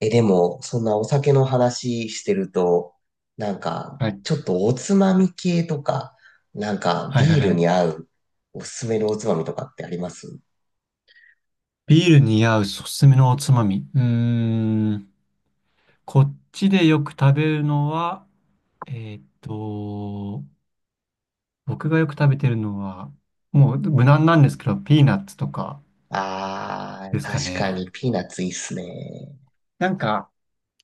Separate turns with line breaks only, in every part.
え、でも、そんなお酒の話してると、なんか、
はい。
ちょっとおつまみ系とか、なんか、
はいは
ビ
い
ー
は
ルに
い。
合うおすすめのおつまみとかってあります？
ビールに合うおすすめのおつまみ。うーん。こっちでよく食べるのは、えーっと、僕がよく食べてるのは、もう無難なんですけど、ピーナッツとか
あ
で
ー、
すか
確か
ね。
にピーナッツいいっすね。
なんか、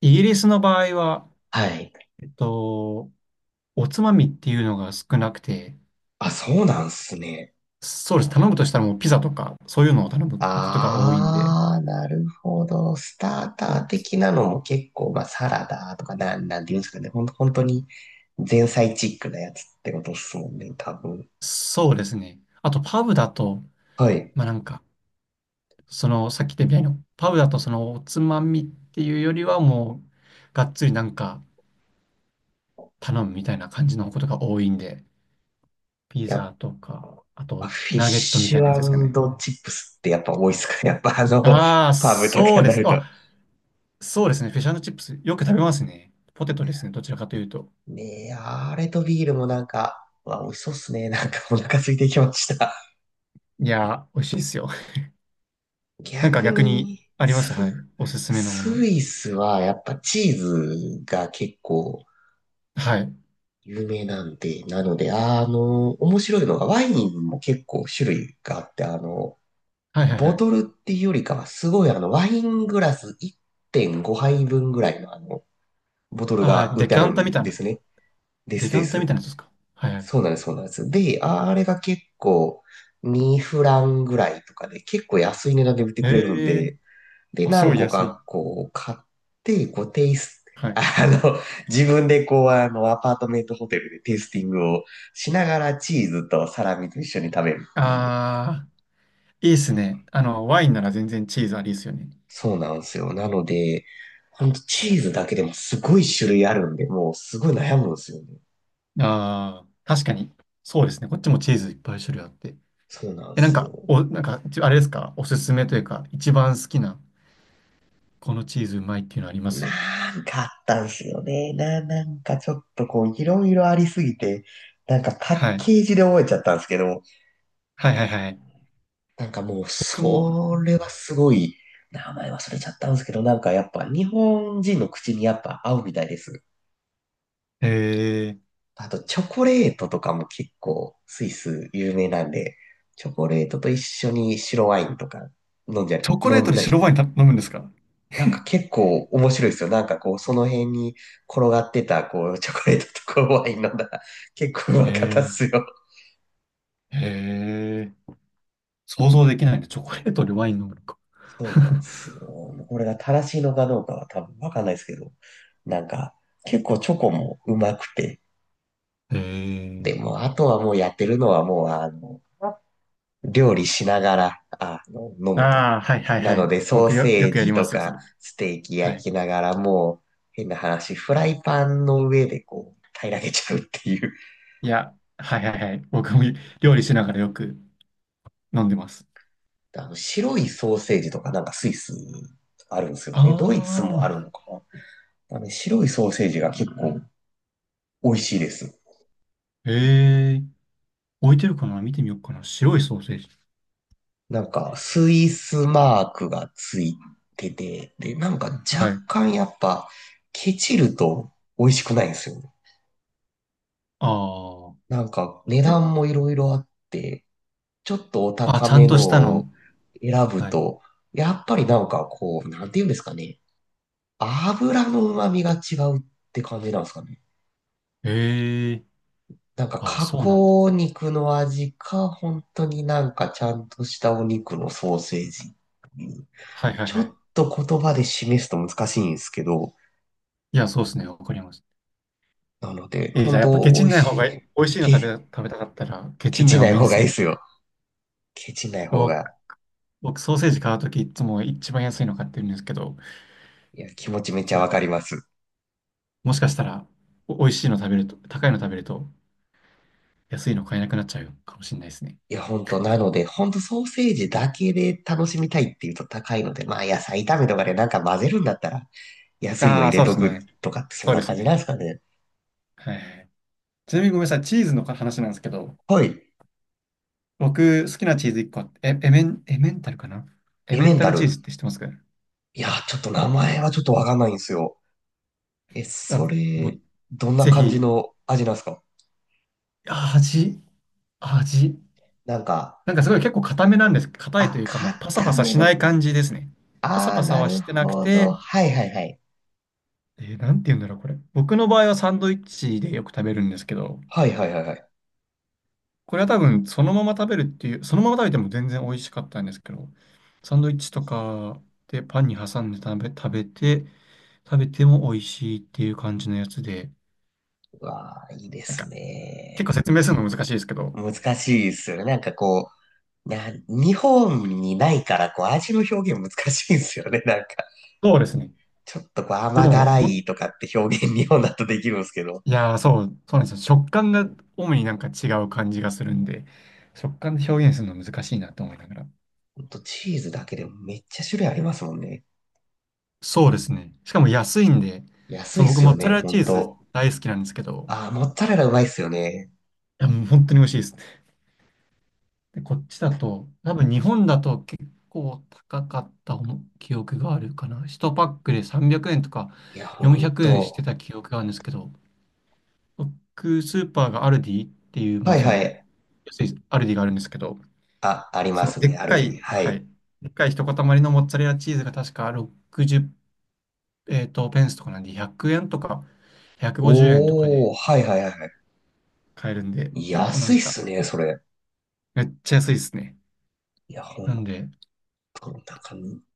イギリスの場合は、
はい。
えっと、おつまみっていうのが少なくて、
あ、そうなんすね。
そうです。頼むとしたらもうピザとか、そういうのを頼むことが多いんで、
あー、なるほど。スタータ
お
ー
つ、
的なのも結構、まあ、サラダとか、なんていうんですかね。ほんと、本当に前菜チックなやつってことっすもんね、多分。
そうですね。あと、パブだと、
はい。
まあなんか、その、さっき言ったみたいなパウだとその、おつまみっていうよりはもう、がっつりなんか頼むみたいな感じのことが多いんで、ピ
や
ザ
っ
とか、あ
まあ
と、
フィッ
ナゲットみた
シ
いなやつですかね。
ュチップスってやっぱ多いっすかね。やっぱあの、
ああ、
パブとか
そう
に
で
な
す。
ると。
あ、そうですね。フィッシュチップス、よく食べますね。ポテトですね。どちらかというと。
ねえ、あれとビールもなんか、うわ、美味しそうっすね。なんかお腹空いてきました。
いやー、美味しいですよ。なんか
逆
逆に、
に、
あります。はい。
ス、
おすすめのも
ス
の。
イスはやっぱチーズが結構
はい。
有名なんで、なので、面白いのがワインも結構種類があって、
はいはいは
ボ
い。
トルっていうよりかはすごいワイングラス1.5杯分ぐらいのボトル
ああ、
が売っ
デ
てあ
キャ
る
ンタ
ん
みたい
で
な。
すね。で
デ
す
キャ
で
ンタみ
す。
たいなやつですか？はいはい。
そうなんです、そうなんです。で、あれが結構2フランぐらいとかで結構安い値段で売ってくれるん
ええー、
で、で、
あ、すご
何
い
個
安い。
かこう買って、こうテイス
は
あ
い。
の、自分でこうあのアパートメントホテルでテイスティングをしながらチーズとサラミと一緒に食べるっていう。
ああ、いいっすね。あの、ワインなら全然チーズありですよね。
そうなんですよ。なので、ほんとチーズだけでもすごい種類あるんで、もうすごい悩むんですよね。
ああ、確かに。そうですね。こっちもチーズいっぱい種類あって。
そうなんで
え、なん
す
か、
よ。
なんか、あれですか？おすすめというか、一番好きな、このチーズうまいっていうのありま
な
す？
んかあったんすよね。なんかちょっとこう、いろいろありすぎて、なんかパッ
はい。
ケージで覚えちゃったんですけど、
はいはいはい。
なんかもう、
僕も、
それはすごい、名前忘れちゃったんですけど、なんかやっぱ日本人の口にやっぱ合うみたいです。
えー、
あと、チョコレートとかも結構、スイス有名なんで、チョコレートと一緒に白ワインとか飲んじゃ、
チョコレ
飲
ート
ん
で
だりし
白
て、
ワインた飲むんですか？
なんか結構面白いですよ。なんかこう、その辺に転がってた、こう、チョコレートとかワイン飲んだら、結構うまかったっ
え
すよ。
ー、えー、想像できないね。チョコレートでワイン飲むのか。
そうなんですよ。これが正しいのかどうかは多分わかんないですけど、なんか結構チョコもうまくて、
え
で
ー、
もあとはもうやってるのはもう料理しながら、飲むと。
ああ、はいはい
な
は
の
い。
でソー
よ
セー
くや
ジ
りま
と
すよ、そ
か
れ。
ステーキ
は
焼
い。
きながらもう変な話、フライパンの上でこう、平らげちゃうっていう。
いや、はいはいはい。僕も料理しながらよく飲んでます。
あの白いソーセージとかなんかスイスあるんですよ
あ
ね。ドイツもある
あ、
のかな。あのね白いソーセージが結構美味しいです。
へえ。置いてるかな見てみようかな。白いソーセージ。
なんかスイスマークがついてて、で、なんか
は
若
い。
干やっぱケチると美味しくないんですよね。
あ
なんか値
あ。え、
段もいろいろあって、ちょっとお
あ、
高
ちゃん
め
と
の
したの。
を選ぶ
はい。
と、やっぱりなんかこう、なんていうんですかね。油の旨味が違うって感じなんですかね。
へえ。
なんか
ああ、
加
そうなんだ。
工肉の味か、本当になんかちゃんとしたお肉のソーセージっていう。
はいはい
ちょ
は
っ
い。
と言葉で示すと難しいんですけど、
いや、そうですね。わかります。
なので、
じゃ
本
あやっぱ
当
ケチ
美
ん
味
ない方
しい。
がいい。美味しいの
け、
食べたかったら、ケチ
ケ
んない
チ
方
な
が
い
いいん
方
で
が
す
いいで
ね。
すよ。ケチない方
僕、
が。
僕ソーセージ買うときいつも一番安いの買ってるんですけど、こ
いや、気持ちめっち
ち
ゃわ
ら。
かります。
もしかしたら、美味しいの食べると、高いの食べると、安いの買えなくなっちゃうかもしれないですね。
いや、本当なので、本当ソーセージだけで楽しみたいっていうと高いので、まあ野菜炒めとかでなんか混ぜるんだったら、安いの
あ
入
あ、
れ
そうで
と
す
く
ね。
とかってそん
そう
な
です
感じな
ね。
んですかね。
はい。ちなみにごめんなさい、チーズの話なんですけど、
はい。
僕好きなチーズ1個あって、えエメン、エメンタルかな？エ
エ
メ
メ
ン
ン
タ
タ
ルチー
ル。
ズって知ってますか？
いや、ちょっと名前はちょっとわかんないんですよ。え、
あ、
そ
も
れ、
う、
どんな
ぜ
感じ
ひ、
の味なんですか？
味、味。
なんか、
なんかすごい結構硬めなんです。硬いと
あ、
いうか、もうパサパ
固
サ
め
しない
の。
感じですね。パサ
ああ、
パサ
な
は
る
してなく
ほど。
て、
はいはいはい。
なんて言うんだろう、これ。僕の場合はサンドイッチでよく食べるんですけど、
はいはいはいはい。
これは多分そのまま食べるっていう、そのまま食べても全然美味しかったんですけど、サンドイッチとかでパンに挟んで食べて、食べても美味しいっていう感じのやつで、
うわあ、いいで
なんか
す
結構
ね。
説明するの難しいですけど、
難しいですよね。なんかこう、日本にないから、こう、味の表現難しいですよね。なんか、
そうですね。
ちょっとこう、
で
甘
も、
辛いとかって表現、日本だとできるんですけど。
いやー、そうなんですよ。食感が主になんか違う感じがするんで、食感で表現するの難しいなと思いながら。
ほんと、チーズだけでもめっちゃ種類ありますもんね。
そうですね。しかも安いんで、
安
そ
い
う、
っ
僕
す
モ
よ
ッツァ
ね、
レラ
ほ
チ
ん
ーズ
と。
大好きなんですけど、
あ、モッツァレラうまいっすよね。
いや、もう本当に美味しいです。で、こっちだと、多分日本だと結構高かった思記憶があるかな。1パックで300円とか
いや、ほ
400
ん
円して
と。
た記憶があるんですけど、僕、スーパーがアルディっていう、ま
は
あ
い
そ
は
の、
い。
安いアルディがあるんですけど、
あ、あり
そ
ま
の
す
でっ
ね。アル
か
ビに。
い、
は
は
い。
い、でっかい一塊のモッツァレラチーズが確か60、ペンスとかなんで100円とか150円とかで
おー、はいはいはいは
買えるんで、
い。
あな
安
ん
いっ
か
すね、それ。
めっちゃ安いですね。
いや、ほ
なん
ん
で、
と、なんか、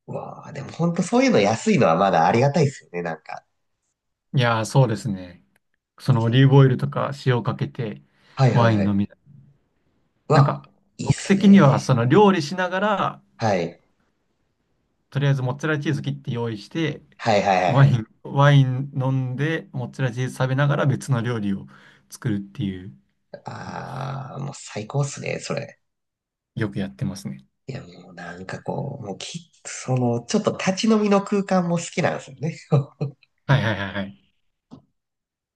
うわあ、でもほんとそういうの安いのはまだありがたいっすよね、なんか。
いやーそうですね。そのオリーブオイルとか塩をかけて
はいは
ワ
い
イ
は
ン飲
い。
みたい。
う
なんか、
わ、いいっ
僕
す
的には
ね。
その料理しながら、
はい。
とりあえずモッツァレラチーズ切って用意して、
はいはいはいはい。
ワイン飲んで、モッツァレラチーズ食べながら別の料理を作るっていう、
ああ、もう最高っすね、それ。
よくやってますね。
いや、もうなんかこう、もうその、ちょっと立ち飲みの空間も好きなんですよね。
はいはいはいはい。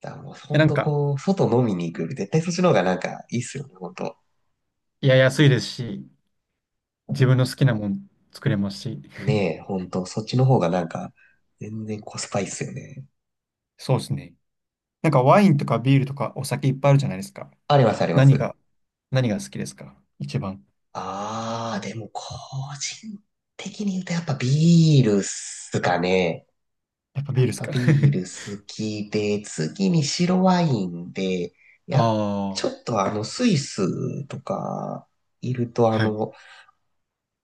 だからもう
え、な
本
ん
当
か、
こう、外飲みに行くより絶対そっちの方がなんかいいっすよね、本当。
いや、安いですし、自分の好きなもん作れますし。
ねえ、本当そっちの方がなんか全然コスパいいっすよね。
そうですね。なんかワインとかビールとかお酒いっぱいあるじゃないですか。
ありますありま
何
す。
が、何が好きですか一番？
あー、でも個人的に言うとやっぱビールっすかね。
やっぱビ
や
ールで
っ
す
ぱ
か？
ビール 好きで、次に白ワインで、
あ
やっ、ちょ
あ、
っとスイスとかいると
はい、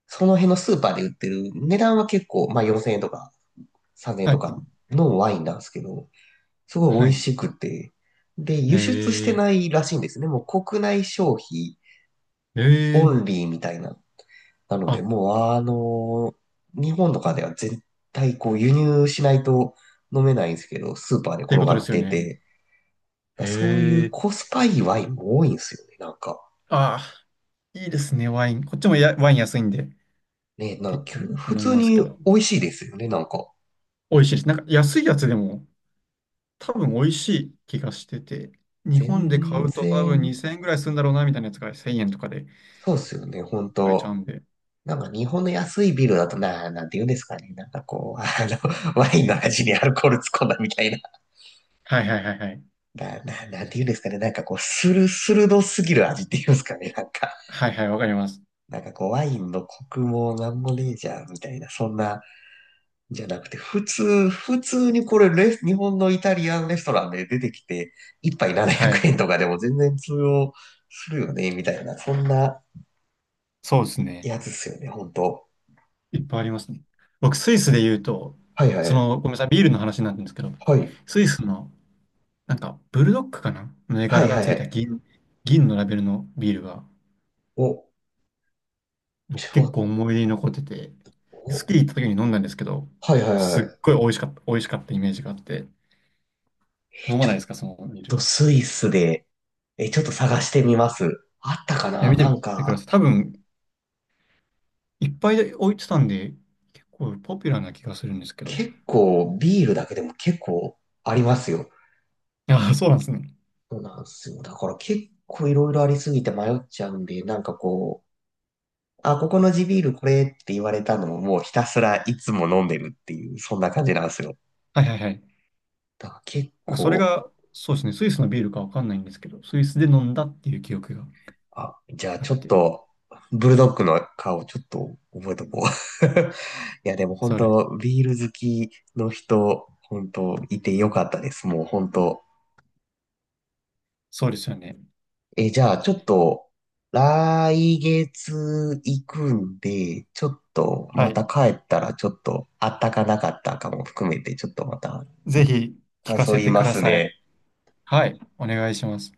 その辺のスーパーで売ってる値段は結構、まあ4000円とか3年
は
と
い、
かのワインなんですけど、すご
は
い美味
い。
しくて、で、輸出してな
え
いらしいんですね。もう国内消費
ー、え
オ
ー、
ンリーみたいな。なの
あ、
で、
っ
もう日本とかでは絶対こう輸入しないと飲めないんですけど、スーパーで
ていう
転
こ
が
とで
っ
すよ
て
ね。
て、
え
だからそういう
ー、
コスパいいワインも多いんですよね、なんか。
あー、いいですね、ワイン。こっちもやワイン安いんで、
ね、なんか
結構よく
普
飲み
通
ますけ
に
ど。
美味しいですよね、なんか。
美味しいです。なんか安いやつでも、多分美味しい気がしてて、日本で買
全
うと多分
然、
2000円ぐらいするんだろうな、みたいなやつが1000円とかで
そうですよね、本
買えちゃ
当
うんで。
なんか日本の安いビールだとなんて言うんですかね。なんかこう、ワインの味にアルコール突っ込んだみたいな。
はいはいはいはい。
なんて言うんですかね。なんかこう、スルスルドすぎる味って言うんですかね。なんか、
はいはい、わかります。
なんかこう、ワインのコクもなんもねえじゃん、みたいな。そんな、じゃなくて、普通にこれ日本のイタリアンレストランで出てきて、一杯700
はい。
円とかでも全然通用するよね、みたいな。そんな
そうですね。
やつっすよね、ほんと。
いっぱいありますね。僕、スイスで言うと、
はいは
そ
い。
の、ごめんなさい、ビールの話になるんですけど、
はい。
スイスの、なんか、ブルドックかなの絵
は
柄
い
が
はい
つ
は
いた
い。
銀のラベルのビールが、
お、
僕
ちょっ
結構
と
思い出に残ってて、ス
お、
キー行った時に飲んだんですけど、
はいはい
す
は
っ
い。
ごい美味しかったイメージがあって、
え、
飲ま
ち
な
ょ
い
っ
ですか、そのビール？
と
い
スイスで、え、ちょっと探してみます。あったか
や、
な
見て
なん
みてくだ
か、
さい。多分、いっぱい置いてたんで、結構ポピュラーな気がするんですけど。
結構ビールだけでも結構ありますよ。
ああ、そうなんですね。
そうなんですよ。だから結構いろいろありすぎて迷っちゃうんで、なんかこう、あ、ここの地ビールこれって言われたのをもうひたすらいつも飲んでるっていう、そんな感じなんですよ。
はいはいはい。
だから結
なんかそれ
構、
が、そうですね、スイスのビールかわかんないんですけど、スイスで飲んだっていう記憶が
あ、じゃあ
あっ
ちょっ
て、
と、ブルドッグの顔ちょっと覚えとこう。いや、でも本
それ、
当、ビール好きの人、本当、いてよかったです。もう本当。
そうですよね。
え、じゃあちょっと、来月行くんで、ちょっと、
は
ま
い。
た帰ったら、ちょっと、あったかなかったかも含めて、ちょっとまた、
ぜひ聞
感
か
想
せ
言い
てく
ま
だ
す
さい。
ね。
はい、お願いします。